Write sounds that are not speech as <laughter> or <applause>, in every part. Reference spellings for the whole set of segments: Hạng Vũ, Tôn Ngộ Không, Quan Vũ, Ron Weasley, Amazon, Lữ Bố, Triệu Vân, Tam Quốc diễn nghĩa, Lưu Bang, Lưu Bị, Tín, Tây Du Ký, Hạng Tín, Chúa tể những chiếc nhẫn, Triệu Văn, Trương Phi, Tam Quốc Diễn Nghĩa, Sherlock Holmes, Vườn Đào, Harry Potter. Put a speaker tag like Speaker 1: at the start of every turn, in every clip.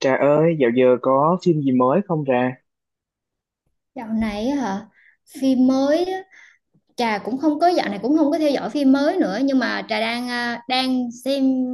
Speaker 1: Trà ơi, dạo giờ có phim gì mới không Trà?
Speaker 2: Dạo này á hả phim mới á, Trà cũng không có dạo này cũng không có theo dõi phim mới nữa nhưng mà Trà đang đang xem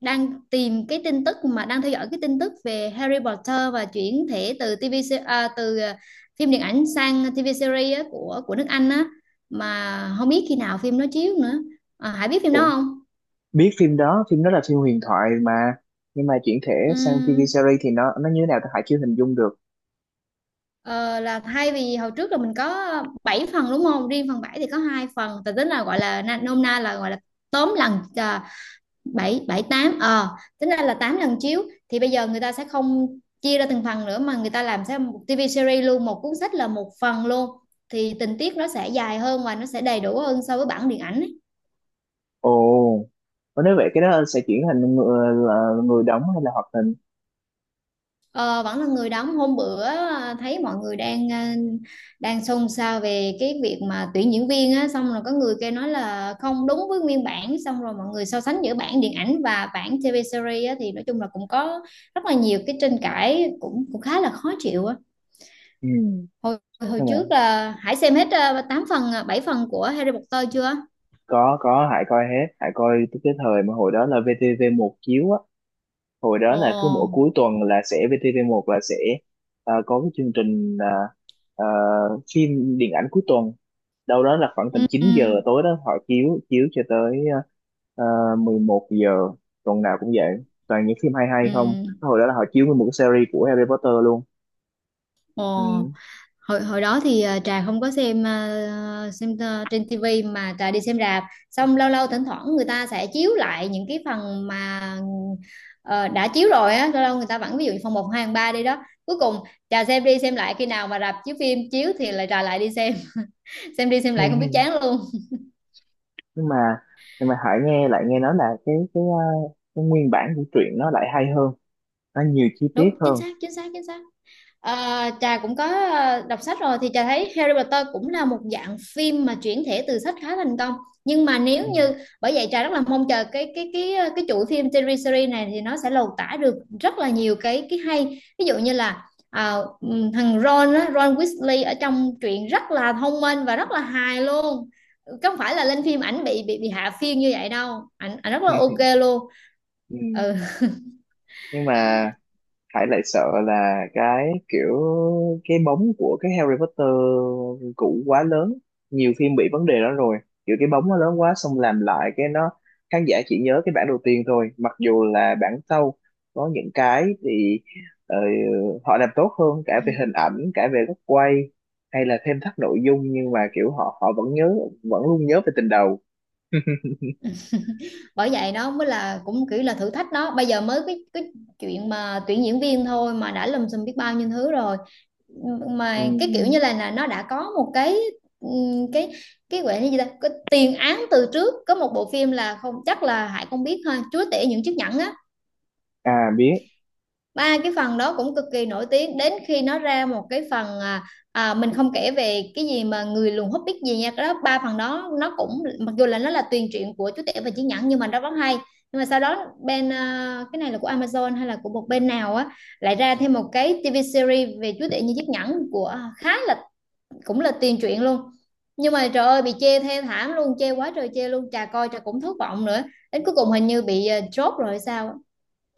Speaker 2: đang tìm cái tin tức mà đang theo dõi cái tin tức về Harry Potter và chuyển thể từ TV phim điện ảnh sang TV series á, của nước Anh á mà không biết khi nào phim nó chiếu nữa. Hải biết phim đó
Speaker 1: Ủa,
Speaker 2: không?
Speaker 1: biết phim đó là phim huyền thoại mà. Nhưng mà chuyển thể sang TV
Speaker 2: Ừm,
Speaker 1: series thì nó như thế nào ta hãy chưa hình dung được.
Speaker 2: ờ, là thay vì hồi trước là mình có 7 phần đúng không? Riêng phần 7 thì có hai phần, từ tính là gọi là nôm na là gọi là tóm lần bảy bảy tám tính ra là 8 lần chiếu, thì bây giờ người ta sẽ không chia ra từng phần nữa mà người ta làm sẽ một TV series luôn, một cuốn sách là một phần luôn, thì tình tiết nó sẽ dài hơn và nó sẽ đầy đủ hơn so với bản điện ảnh ấy.
Speaker 1: Ồ, có. Nếu vậy cái đó sẽ chuyển thành người, là người đóng hay là hoạt hình?
Speaker 2: Ờ, vẫn là người đóng. Hôm bữa thấy mọi người đang đang xôn xao về cái việc mà tuyển diễn viên á, xong rồi có người kêu nói là không đúng với nguyên bản, xong rồi mọi người so sánh giữa bản điện ảnh và bản TV series á, thì nói chung là cũng có rất là nhiều cái tranh cãi, cũng cũng khá là khó chịu á.
Speaker 1: Ừ.
Speaker 2: Hồi hồi
Speaker 1: Nhưng mà
Speaker 2: trước là Hải xem hết 8 phần 7 phần của Harry Potter chưa?
Speaker 1: có, Hải coi hết. Hải coi tới cái thời mà hồi đó là VTV1 chiếu á. Hồi đó
Speaker 2: Ồ,
Speaker 1: là cứ mỗi cuối tuần là sẽ VTV1 là sẽ có cái chương trình, ờ, phim điện ảnh cuối tuần, đâu đó là khoảng tầm
Speaker 2: ừ, ừ,
Speaker 1: 9 giờ tối đó, họ chiếu chiếu cho tới 11 giờ. Tuần nào cũng vậy, toàn những phim hay, hay
Speaker 2: ừ,
Speaker 1: không hồi đó là họ chiếu nguyên một cái series của Harry Potter luôn.
Speaker 2: ồ.
Speaker 1: Ừ.
Speaker 2: Hồi hồi đó thì Trà không có xem trên tivi mà Trà đi xem rạp. Xong lâu lâu thỉnh thoảng người ta sẽ chiếu lại những cái phần mà ờ, đã chiếu rồi á, lâu lâu người ta vẫn ví dụ như phần một, 2 phần 3 đi đó. Cuối cùng Trà xem đi xem lại, khi nào mà rạp chiếu phim chiếu thì lại Trà lại đi xem, <laughs> xem đi xem
Speaker 1: Hay,
Speaker 2: lại không biết
Speaker 1: hay.
Speaker 2: chán luôn.
Speaker 1: nhưng mà nhưng mà Hải nghe nói là cái nguyên bản của truyện nó lại hay hơn, nó nhiều chi
Speaker 2: Đúng,
Speaker 1: tiết
Speaker 2: chính
Speaker 1: hơn.
Speaker 2: xác, chính xác, chính xác. Ờ, trà cũng có đọc sách rồi thì trà thấy Harry Potter cũng là một dạng phim mà chuyển thể từ sách khá thành công, nhưng mà nếu
Speaker 1: Ừ.
Speaker 2: như bởi vậy trà rất là mong chờ cái chuỗi phim series series này thì nó sẽ lột tả được rất là nhiều cái hay, ví dụ như là thằng Ron á, Ron Weasley ở trong truyện rất là thông minh và rất là hài luôn, không phải là lên phim ảnh bị hạ phiên như vậy đâu, ảnh ảnh rất là
Speaker 1: <laughs>
Speaker 2: ok luôn.
Speaker 1: Ừ. Nhưng mà Hải lại sợ là cái kiểu cái bóng của cái Harry Potter cũ quá lớn. Nhiều phim bị vấn đề đó rồi, kiểu cái bóng nó lớn quá, xong làm lại cái nó khán giả chỉ nhớ cái bản đầu tiên thôi, mặc dù là bản sau có những cái thì ờ, họ làm tốt hơn cả
Speaker 2: Ừ,
Speaker 1: về hình ảnh, cả về góc quay, hay là thêm thắt nội dung, nhưng mà kiểu họ họ vẫn nhớ, vẫn luôn nhớ về tình đầu. <laughs>
Speaker 2: bởi vậy nó mới là cũng kiểu là thử thách. Nó bây giờ mới cái chuyện mà tuyển diễn viên thôi mà đã lùm xùm biết bao nhiêu thứ rồi,
Speaker 1: Ừ.
Speaker 2: mà cái kiểu như là nó đã có một cái cái gọi là gì ta, cái tiền án từ trước, có một bộ phim là, không chắc là Hải không biết thôi, Chúa tể những chiếc nhẫn á,
Speaker 1: À, biết.
Speaker 2: ba cái phần đó cũng cực kỳ nổi tiếng. Đến khi nó ra một cái phần mình không kể về cái gì mà người lùn hút biết gì nha, cái đó ba phần đó nó cũng mặc dù là nó là tuyền truyện của chú tể và chí nhẫn nhưng mà nó rất hay. Nhưng mà sau đó bên cái này là của Amazon hay là của một bên nào á, lại ra thêm một cái TV series về chú tể như chiếc nhẫn của khá là cũng là tuyền truyện luôn, nhưng mà trời ơi bị chê thê thảm luôn, chê quá trời chê luôn, chà coi chà cũng thất vọng nữa, đến cuối cùng hình như bị chốt rồi sao.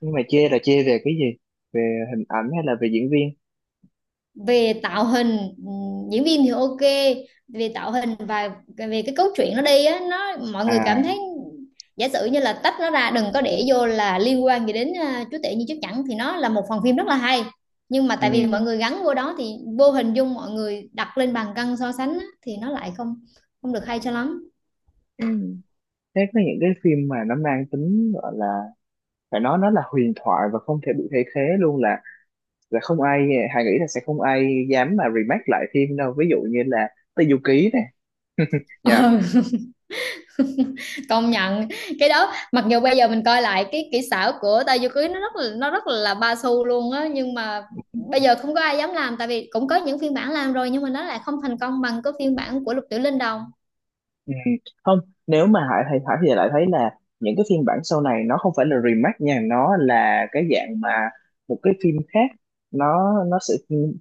Speaker 1: Nhưng mà chê là chê về cái gì? Về hình ảnh hay là về diễn viên?
Speaker 2: Về tạo hình ừ, diễn viên thì ok, về tạo hình và về cái cốt truyện nó đi á, nó mọi người cảm
Speaker 1: À.
Speaker 2: thấy giả sử như là tách nó ra đừng có để vô là liên quan gì đến chúa tể như chúa chẳng thì nó là một phần phim rất là hay, nhưng mà
Speaker 1: Ừ,
Speaker 2: tại vì mọi người gắn vô đó thì vô hình dung mọi người đặt lên bàn cân so sánh á, thì nó lại không không được hay cho lắm.
Speaker 1: ừ. Thế có những cái phim mà nó mang tính gọi là phải nói nó là huyền thoại và không thể bị thay thế luôn, là không ai, Hà nghĩ là sẽ không ai dám mà remake lại phim đâu, ví dụ như là Tây Du Ký này
Speaker 2: Ờ,
Speaker 1: nha.
Speaker 2: công nhận cái đó mặc dù bây giờ mình coi lại cái kỹ xảo của tay vô cưới nó rất là ba xu luôn á, nhưng mà bây giờ không có ai dám làm tại vì cũng có những phiên bản làm rồi nhưng mà nó lại không thành công bằng cái phiên bản của Lục Tiểu Linh đâu.
Speaker 1: Ừ. Không, nếu mà Hải thì lại thấy là những cái phiên bản sau này nó không phải là remake nha, nó là cái dạng mà một cái phim khác. Nó sẽ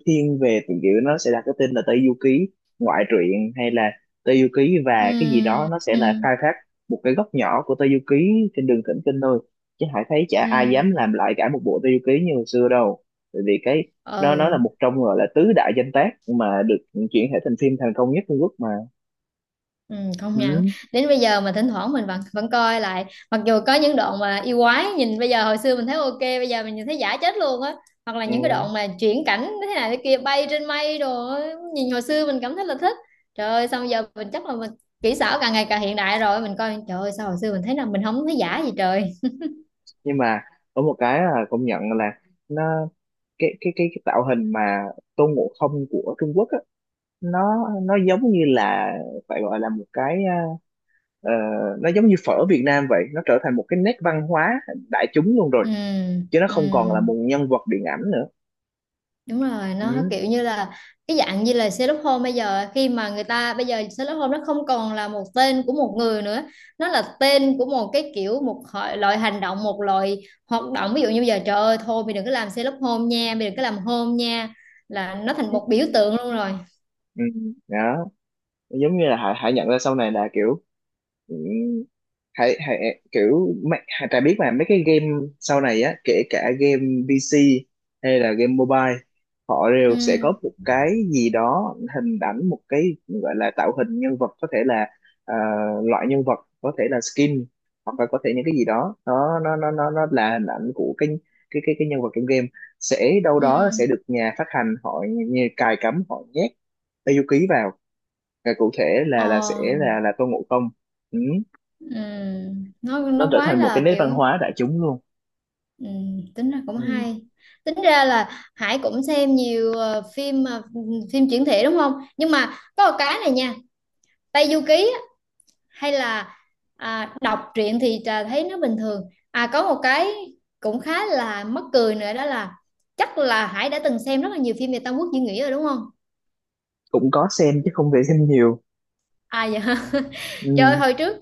Speaker 1: thiên về từ kiểu nó sẽ đặt cái tên là Tây du ký ngoại truyện, hay là Tây du ký
Speaker 2: Ừ,
Speaker 1: và cái gì đó. Nó sẽ
Speaker 2: ừ,
Speaker 1: là khai thác một cái góc nhỏ của Tây du ký trên đường thỉnh kinh thôi. Chứ Hải thấy chả
Speaker 2: ừ,
Speaker 1: ai dám làm lại cả một bộ Tây du ký như hồi xưa đâu. Bởi vì cái, nó là
Speaker 2: ừ,
Speaker 1: một trong gọi là tứ đại danh tác mà được chuyển thể thành phim thành công nhất Trung Quốc mà.
Speaker 2: ừ, công nhận.
Speaker 1: Ừ.
Speaker 2: Đến bây giờ mà thỉnh thoảng mình vẫn vẫn coi lại, mặc dù có những đoạn mà yêu quái nhìn bây giờ, hồi xưa mình thấy ok, bây giờ mình nhìn thấy giả chết luôn á, hoặc là
Speaker 1: Ừ.
Speaker 2: những cái đoạn mà chuyển cảnh thế này thế kia bay trên mây rồi nhìn hồi xưa mình cảm thấy là thích, trời ơi, xong giờ mình chắc là mình kỹ xảo càng ngày càng hiện đại rồi mình coi trời ơi sao hồi xưa mình thấy là mình không thấy giả gì trời.
Speaker 1: Nhưng mà có một cái là công nhận là nó, cái tạo hình mà Tôn Ngộ Không của Trung Quốc á, nó giống như là phải gọi là một cái, ờ, ờ, nó giống như phở Việt Nam vậy, nó trở thành một cái nét văn hóa đại chúng luôn rồi,
Speaker 2: Ừ,
Speaker 1: chứ nó
Speaker 2: ừ,
Speaker 1: không còn là một nhân vật điện ảnh nữa.
Speaker 2: đúng rồi, nó
Speaker 1: Ừ.
Speaker 2: kiểu như là cái dạng như là Sherlock Holmes bây giờ, khi mà người ta bây giờ Sherlock Holmes nó không còn là một tên của một người nữa, nó là tên của một cái kiểu một loại hành động, một loại hoạt động, ví dụ như bây giờ trời ơi thôi mày đừng có làm Sherlock Holmes nha, mày đừng có làm Holmes nha, là nó thành một biểu tượng luôn rồi.
Speaker 1: Ừ. Đó, giống như là Hải Hải nhận ra sau này là kiểu, ừ, Hải Hải kiểu mấy- Hải, Trà biết mà mấy cái game sau này á, kể cả game PC hay là game mobile, họ
Speaker 2: Ừ,
Speaker 1: đều sẽ có một cái gì đó, hình ảnh một cái gọi là tạo hình nhân vật, có thể là ờ, loại nhân vật, có thể là skin, hoặc là có thể những cái gì đó nó là hình ảnh của cái, cái nhân vật trong game sẽ đâu đó
Speaker 2: ừ,
Speaker 1: sẽ được nhà phát hành họ như cài cắm, họ nhét Yuki vào, và cụ thể là sẽ
Speaker 2: ờ,
Speaker 1: là Tôn Ngộ Không. Ừ.
Speaker 2: ừ,
Speaker 1: Nó
Speaker 2: nó
Speaker 1: trở
Speaker 2: quá
Speaker 1: thành một cái
Speaker 2: là
Speaker 1: nét
Speaker 2: kiểu.
Speaker 1: văn hóa đại chúng luôn.
Speaker 2: Ừ, tính ra cũng
Speaker 1: Ừ.
Speaker 2: hay, tính ra là Hải cũng xem nhiều phim phim chuyển thể đúng không, nhưng mà có một cái này nha, Tây Du Ký á, hay là đọc truyện thì trà thấy nó bình thường. À, có một cái cũng khá là mắc cười nữa đó là chắc là Hải đã từng xem rất là nhiều phim về Tam Quốc diễn nghĩa rồi đúng không?
Speaker 1: Cũng có xem chứ không thể xem nhiều.
Speaker 2: À dạ. Trời ơi,
Speaker 1: Ừ.
Speaker 2: hồi trước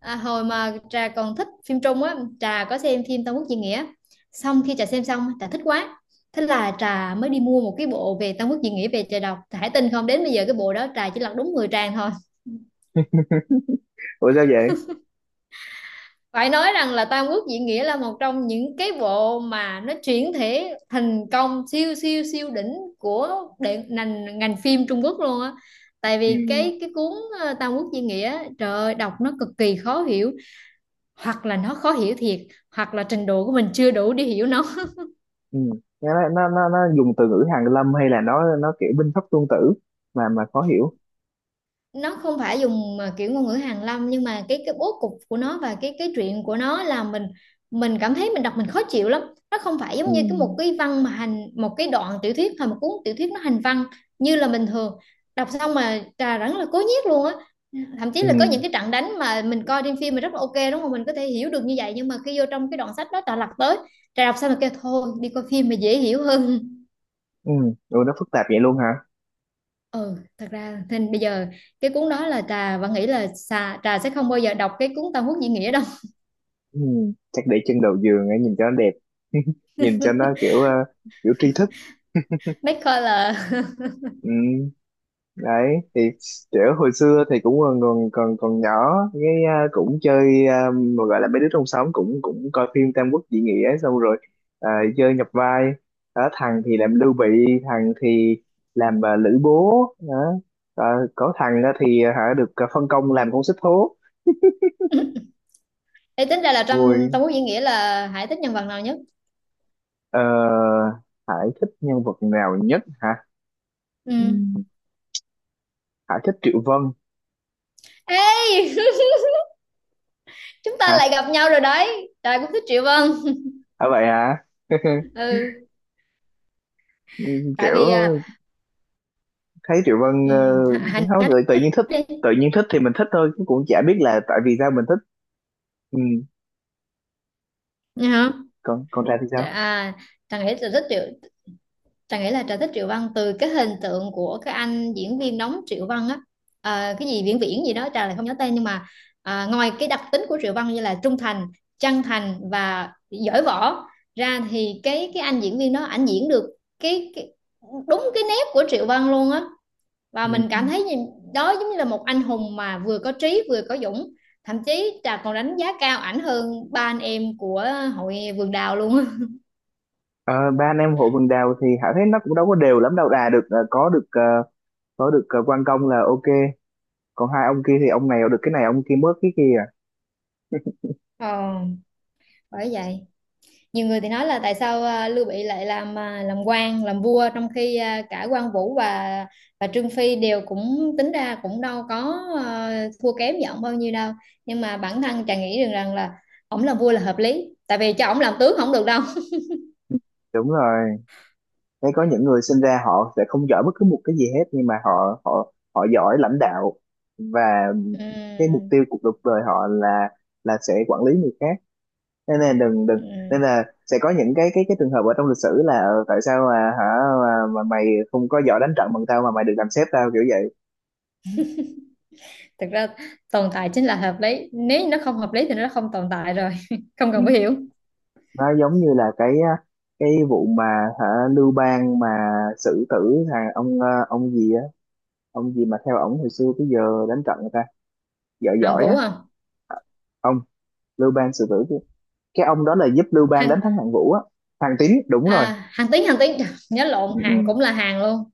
Speaker 2: hồi mà Trà còn thích phim Trung á, Trà có xem phim Tam Quốc diễn nghĩa. Xong khi Trà xem xong, Trà thích quá. Thế là Trà mới đi mua một cái bộ về Tam Quốc diễn nghĩa về Trà đọc. Trà hãy tin không, đến bây giờ cái bộ đó Trà chỉ lật đúng 10 trang thôi.
Speaker 1: Ủa sao vậy?
Speaker 2: Phải nói rằng là Tam Quốc diễn nghĩa là một trong những cái bộ mà nó chuyển thể thành công siêu siêu siêu đỉnh của đệ, ngành ngành phim Trung Quốc luôn á. Tại
Speaker 1: Ừ.
Speaker 2: vì cái cuốn Tam Quốc diễn nghĩa, trời ơi, đọc nó cực kỳ khó hiểu, hoặc là nó khó hiểu thiệt, hoặc là trình độ của mình chưa đủ để hiểu nó.
Speaker 1: Ừ. Nó, nó dùng từ ngữ Hàn Lâm, hay là nó kiểu binh pháp tuân tử mà khó hiểu.
Speaker 2: Nó không phải dùng mà kiểu ngôn ngữ hàn lâm, nhưng mà cái bố cục của nó và cái chuyện của nó là mình cảm thấy mình đọc mình khó chịu lắm, nó không phải
Speaker 1: Ừ.
Speaker 2: giống như cái một cái văn mà hành một cái đoạn tiểu thuyết hay một cuốn tiểu thuyết nó hành văn như là bình thường, đọc xong mà trà rất là cố nhiếc luôn á. Thậm chí
Speaker 1: Ừ.
Speaker 2: là có những cái trận đánh mà mình coi trên phim mà rất là ok đúng không, mình có thể hiểu được như vậy, nhưng mà khi vô trong cái đoạn sách đó trà lật tới, trà đọc xong là kêu thôi đi coi phim mà dễ hiểu hơn.
Speaker 1: Ừ. Ủa nó phức tạp vậy luôn hả?
Speaker 2: Ừ, thật ra nên bây giờ cái cuốn đó là Trà vẫn nghĩ là xà, Trà sẽ không bao giờ đọc cái cuốn Tam Quốc diễn nghĩa đâu.
Speaker 1: Ừ. Chắc để chân đầu giường ấy, nhìn cho nó đẹp. <laughs> Nhìn cho nó kiểu kiểu tri thức.
Speaker 2: <laughs> Mấy coi là
Speaker 1: Ừ. Đấy thì kiểu hồi xưa thì cũng còn nhỏ, cái cũng chơi, mà gọi là mấy đứa trong xóm cũng cũng coi phim Tam Quốc diễn nghĩa xong rồi, à, chơi nhập vai, đó, thằng thì làm Lưu Bị, thằng thì làm Lữ Bố đó. Ờ, có thằng đó thì hả, được phân công làm con xích thố.
Speaker 2: <laughs> Ê, tính ra là trong Tam
Speaker 1: Vui.
Speaker 2: Quốc diễn nghĩa là Hải thích nhân vật nào nhất?
Speaker 1: Ờ, Hải thích nhân vật nào nhất hả?
Speaker 2: Ừ.
Speaker 1: Ừ, Hải thích Triệu Vân.
Speaker 2: Ê, <laughs> chúng ta
Speaker 1: Hả?
Speaker 2: lại gặp nhau rồi đấy. Trà cũng thích Triệu Vân.
Speaker 1: À, vậy hả?
Speaker 2: Ừ,
Speaker 1: <laughs>
Speaker 2: tại
Speaker 1: Kiểu
Speaker 2: vì
Speaker 1: thấy Triệu Vân,
Speaker 2: ừ, Hải
Speaker 1: cũng
Speaker 2: Hải
Speaker 1: không
Speaker 2: nói
Speaker 1: tự nhiên thích.
Speaker 2: đi.
Speaker 1: Tự nhiên thích thì mình thích thôi chứ cũng chả biết là tại vì sao mình thích. Ừ.
Speaker 2: Nghe không?
Speaker 1: còn còn Trà thì sao?
Speaker 2: Trà, à, Trà nghĩ là thích Triệu, Trà nghĩ là Trà thích Triệu Văn từ cái hình tượng của cái anh diễn viên đóng Triệu Văn á. Ờ, cái gì Viễn Viễn gì đó Trà lại không nhớ tên, nhưng mà ngoài cái đặc tính của Triệu Văn như là trung thành, chân thành và giỏi võ ra thì cái anh diễn viên đó ảnh diễn được cái đúng cái nét của Triệu Văn luôn á, và mình
Speaker 1: Ừ.
Speaker 2: cảm thấy như, đó giống như là một anh hùng mà vừa có trí vừa có dũng, thậm chí Trà còn đánh giá cao ảnh hơn ba anh em của hội Vườn Đào luôn á.
Speaker 1: Ờ, ba anh em hội vườn đào thì Hảo thấy nó cũng đâu có đều lắm đâu. Đà được, có được quan công là ok. Còn hai ông kia thì ông này được cái này, ông kia mất cái kia à.
Speaker 2: Ờ, bởi vậy nhiều người thì nói là tại sao Lưu Bị lại làm làm quan làm vua trong khi cả Quan Vũ và Trương Phi đều cũng tính ra cũng đâu có thua kém gì ổng bao nhiêu đâu, nhưng mà bản thân chàng nghĩ rằng rằng là ổng làm vua là hợp lý, tại vì cho ổng làm tướng không được đâu. <laughs>
Speaker 1: Đúng rồi. Thấy có những người sinh ra họ sẽ không giỏi bất cứ một cái gì hết, nhưng mà họ họ họ giỏi lãnh đạo, và cái mục
Speaker 2: Ừm,
Speaker 1: tiêu cuộc đời họ là sẽ quản lý người khác, nên là đừng,
Speaker 2: ừm.
Speaker 1: nên là sẽ có những cái cái trường hợp ở trong lịch sử là, ờ, tại sao mà hả, mà mày không có giỏi đánh trận bằng tao mà mày được làm sếp tao kiểu vậy.
Speaker 2: Thực ra tồn tại chính là hợp lý, nếu như nó không hợp lý thì nó không tồn tại rồi. <laughs> Không
Speaker 1: Ừ.
Speaker 2: cần phải hiểu.
Speaker 1: Nó giống như là cái á, cái vụ mà hả, Lưu Bang mà xử tử thằng ông, ông gì á, ông gì mà theo ổng hồi xưa tới giờ đánh trận người ta giỏi,
Speaker 2: Hạng
Speaker 1: giỏi
Speaker 2: Vũ
Speaker 1: á.
Speaker 2: không?
Speaker 1: Ông Lưu Bang xử tử cái, ông đó là giúp Lưu Bang đánh thắng
Speaker 2: Hạng
Speaker 1: Hạng Vũ á, thằng Tín đúng rồi.
Speaker 2: Hạng Tín, Hạng Tín. Trời, nhớ
Speaker 1: Ừ,
Speaker 2: lộn,
Speaker 1: ừ,
Speaker 2: Hạng cũng là Hạng luôn.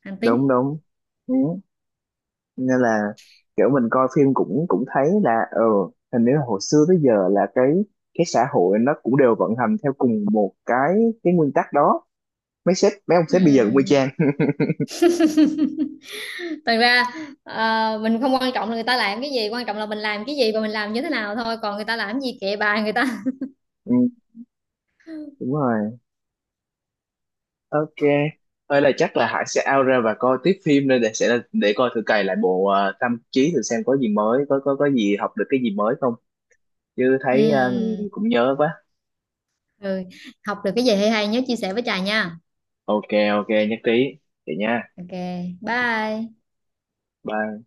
Speaker 2: Hạng
Speaker 1: đúng
Speaker 2: Tín.
Speaker 1: đúng. Ừ. Nên là kiểu mình coi phim cũng cũng thấy là ờ, hình như là hồi xưa tới giờ là cái, xã hội nó cũng đều vận hành theo cùng một cái, nguyên tắc đó. Mấy sếp mấy ông sếp bây giờ cũng y
Speaker 2: Ừm.
Speaker 1: chang.
Speaker 2: Thật ra ờ, mình không quan trọng là người ta làm cái gì, quan trọng là mình làm cái gì và mình làm như thế nào thôi, còn người ta làm cái gì kệ bà người ta. <laughs>
Speaker 1: Ừ, đúng rồi. Ok. Ơi là chắc là Hải sẽ out ra và coi tiếp phim đây để sẽ để coi thử cày lại bộ Tâm Trí thử xem có gì mới, có gì học được cái gì mới không, chứ thấy
Speaker 2: Ừm,
Speaker 1: cũng nhớ quá.
Speaker 2: ừ. Học được cái gì hay hay nhớ chia sẻ với Trà nha.
Speaker 1: Ok. Ok nhất trí. Vậy nha.
Speaker 2: Ok. Bye.
Speaker 1: Bye.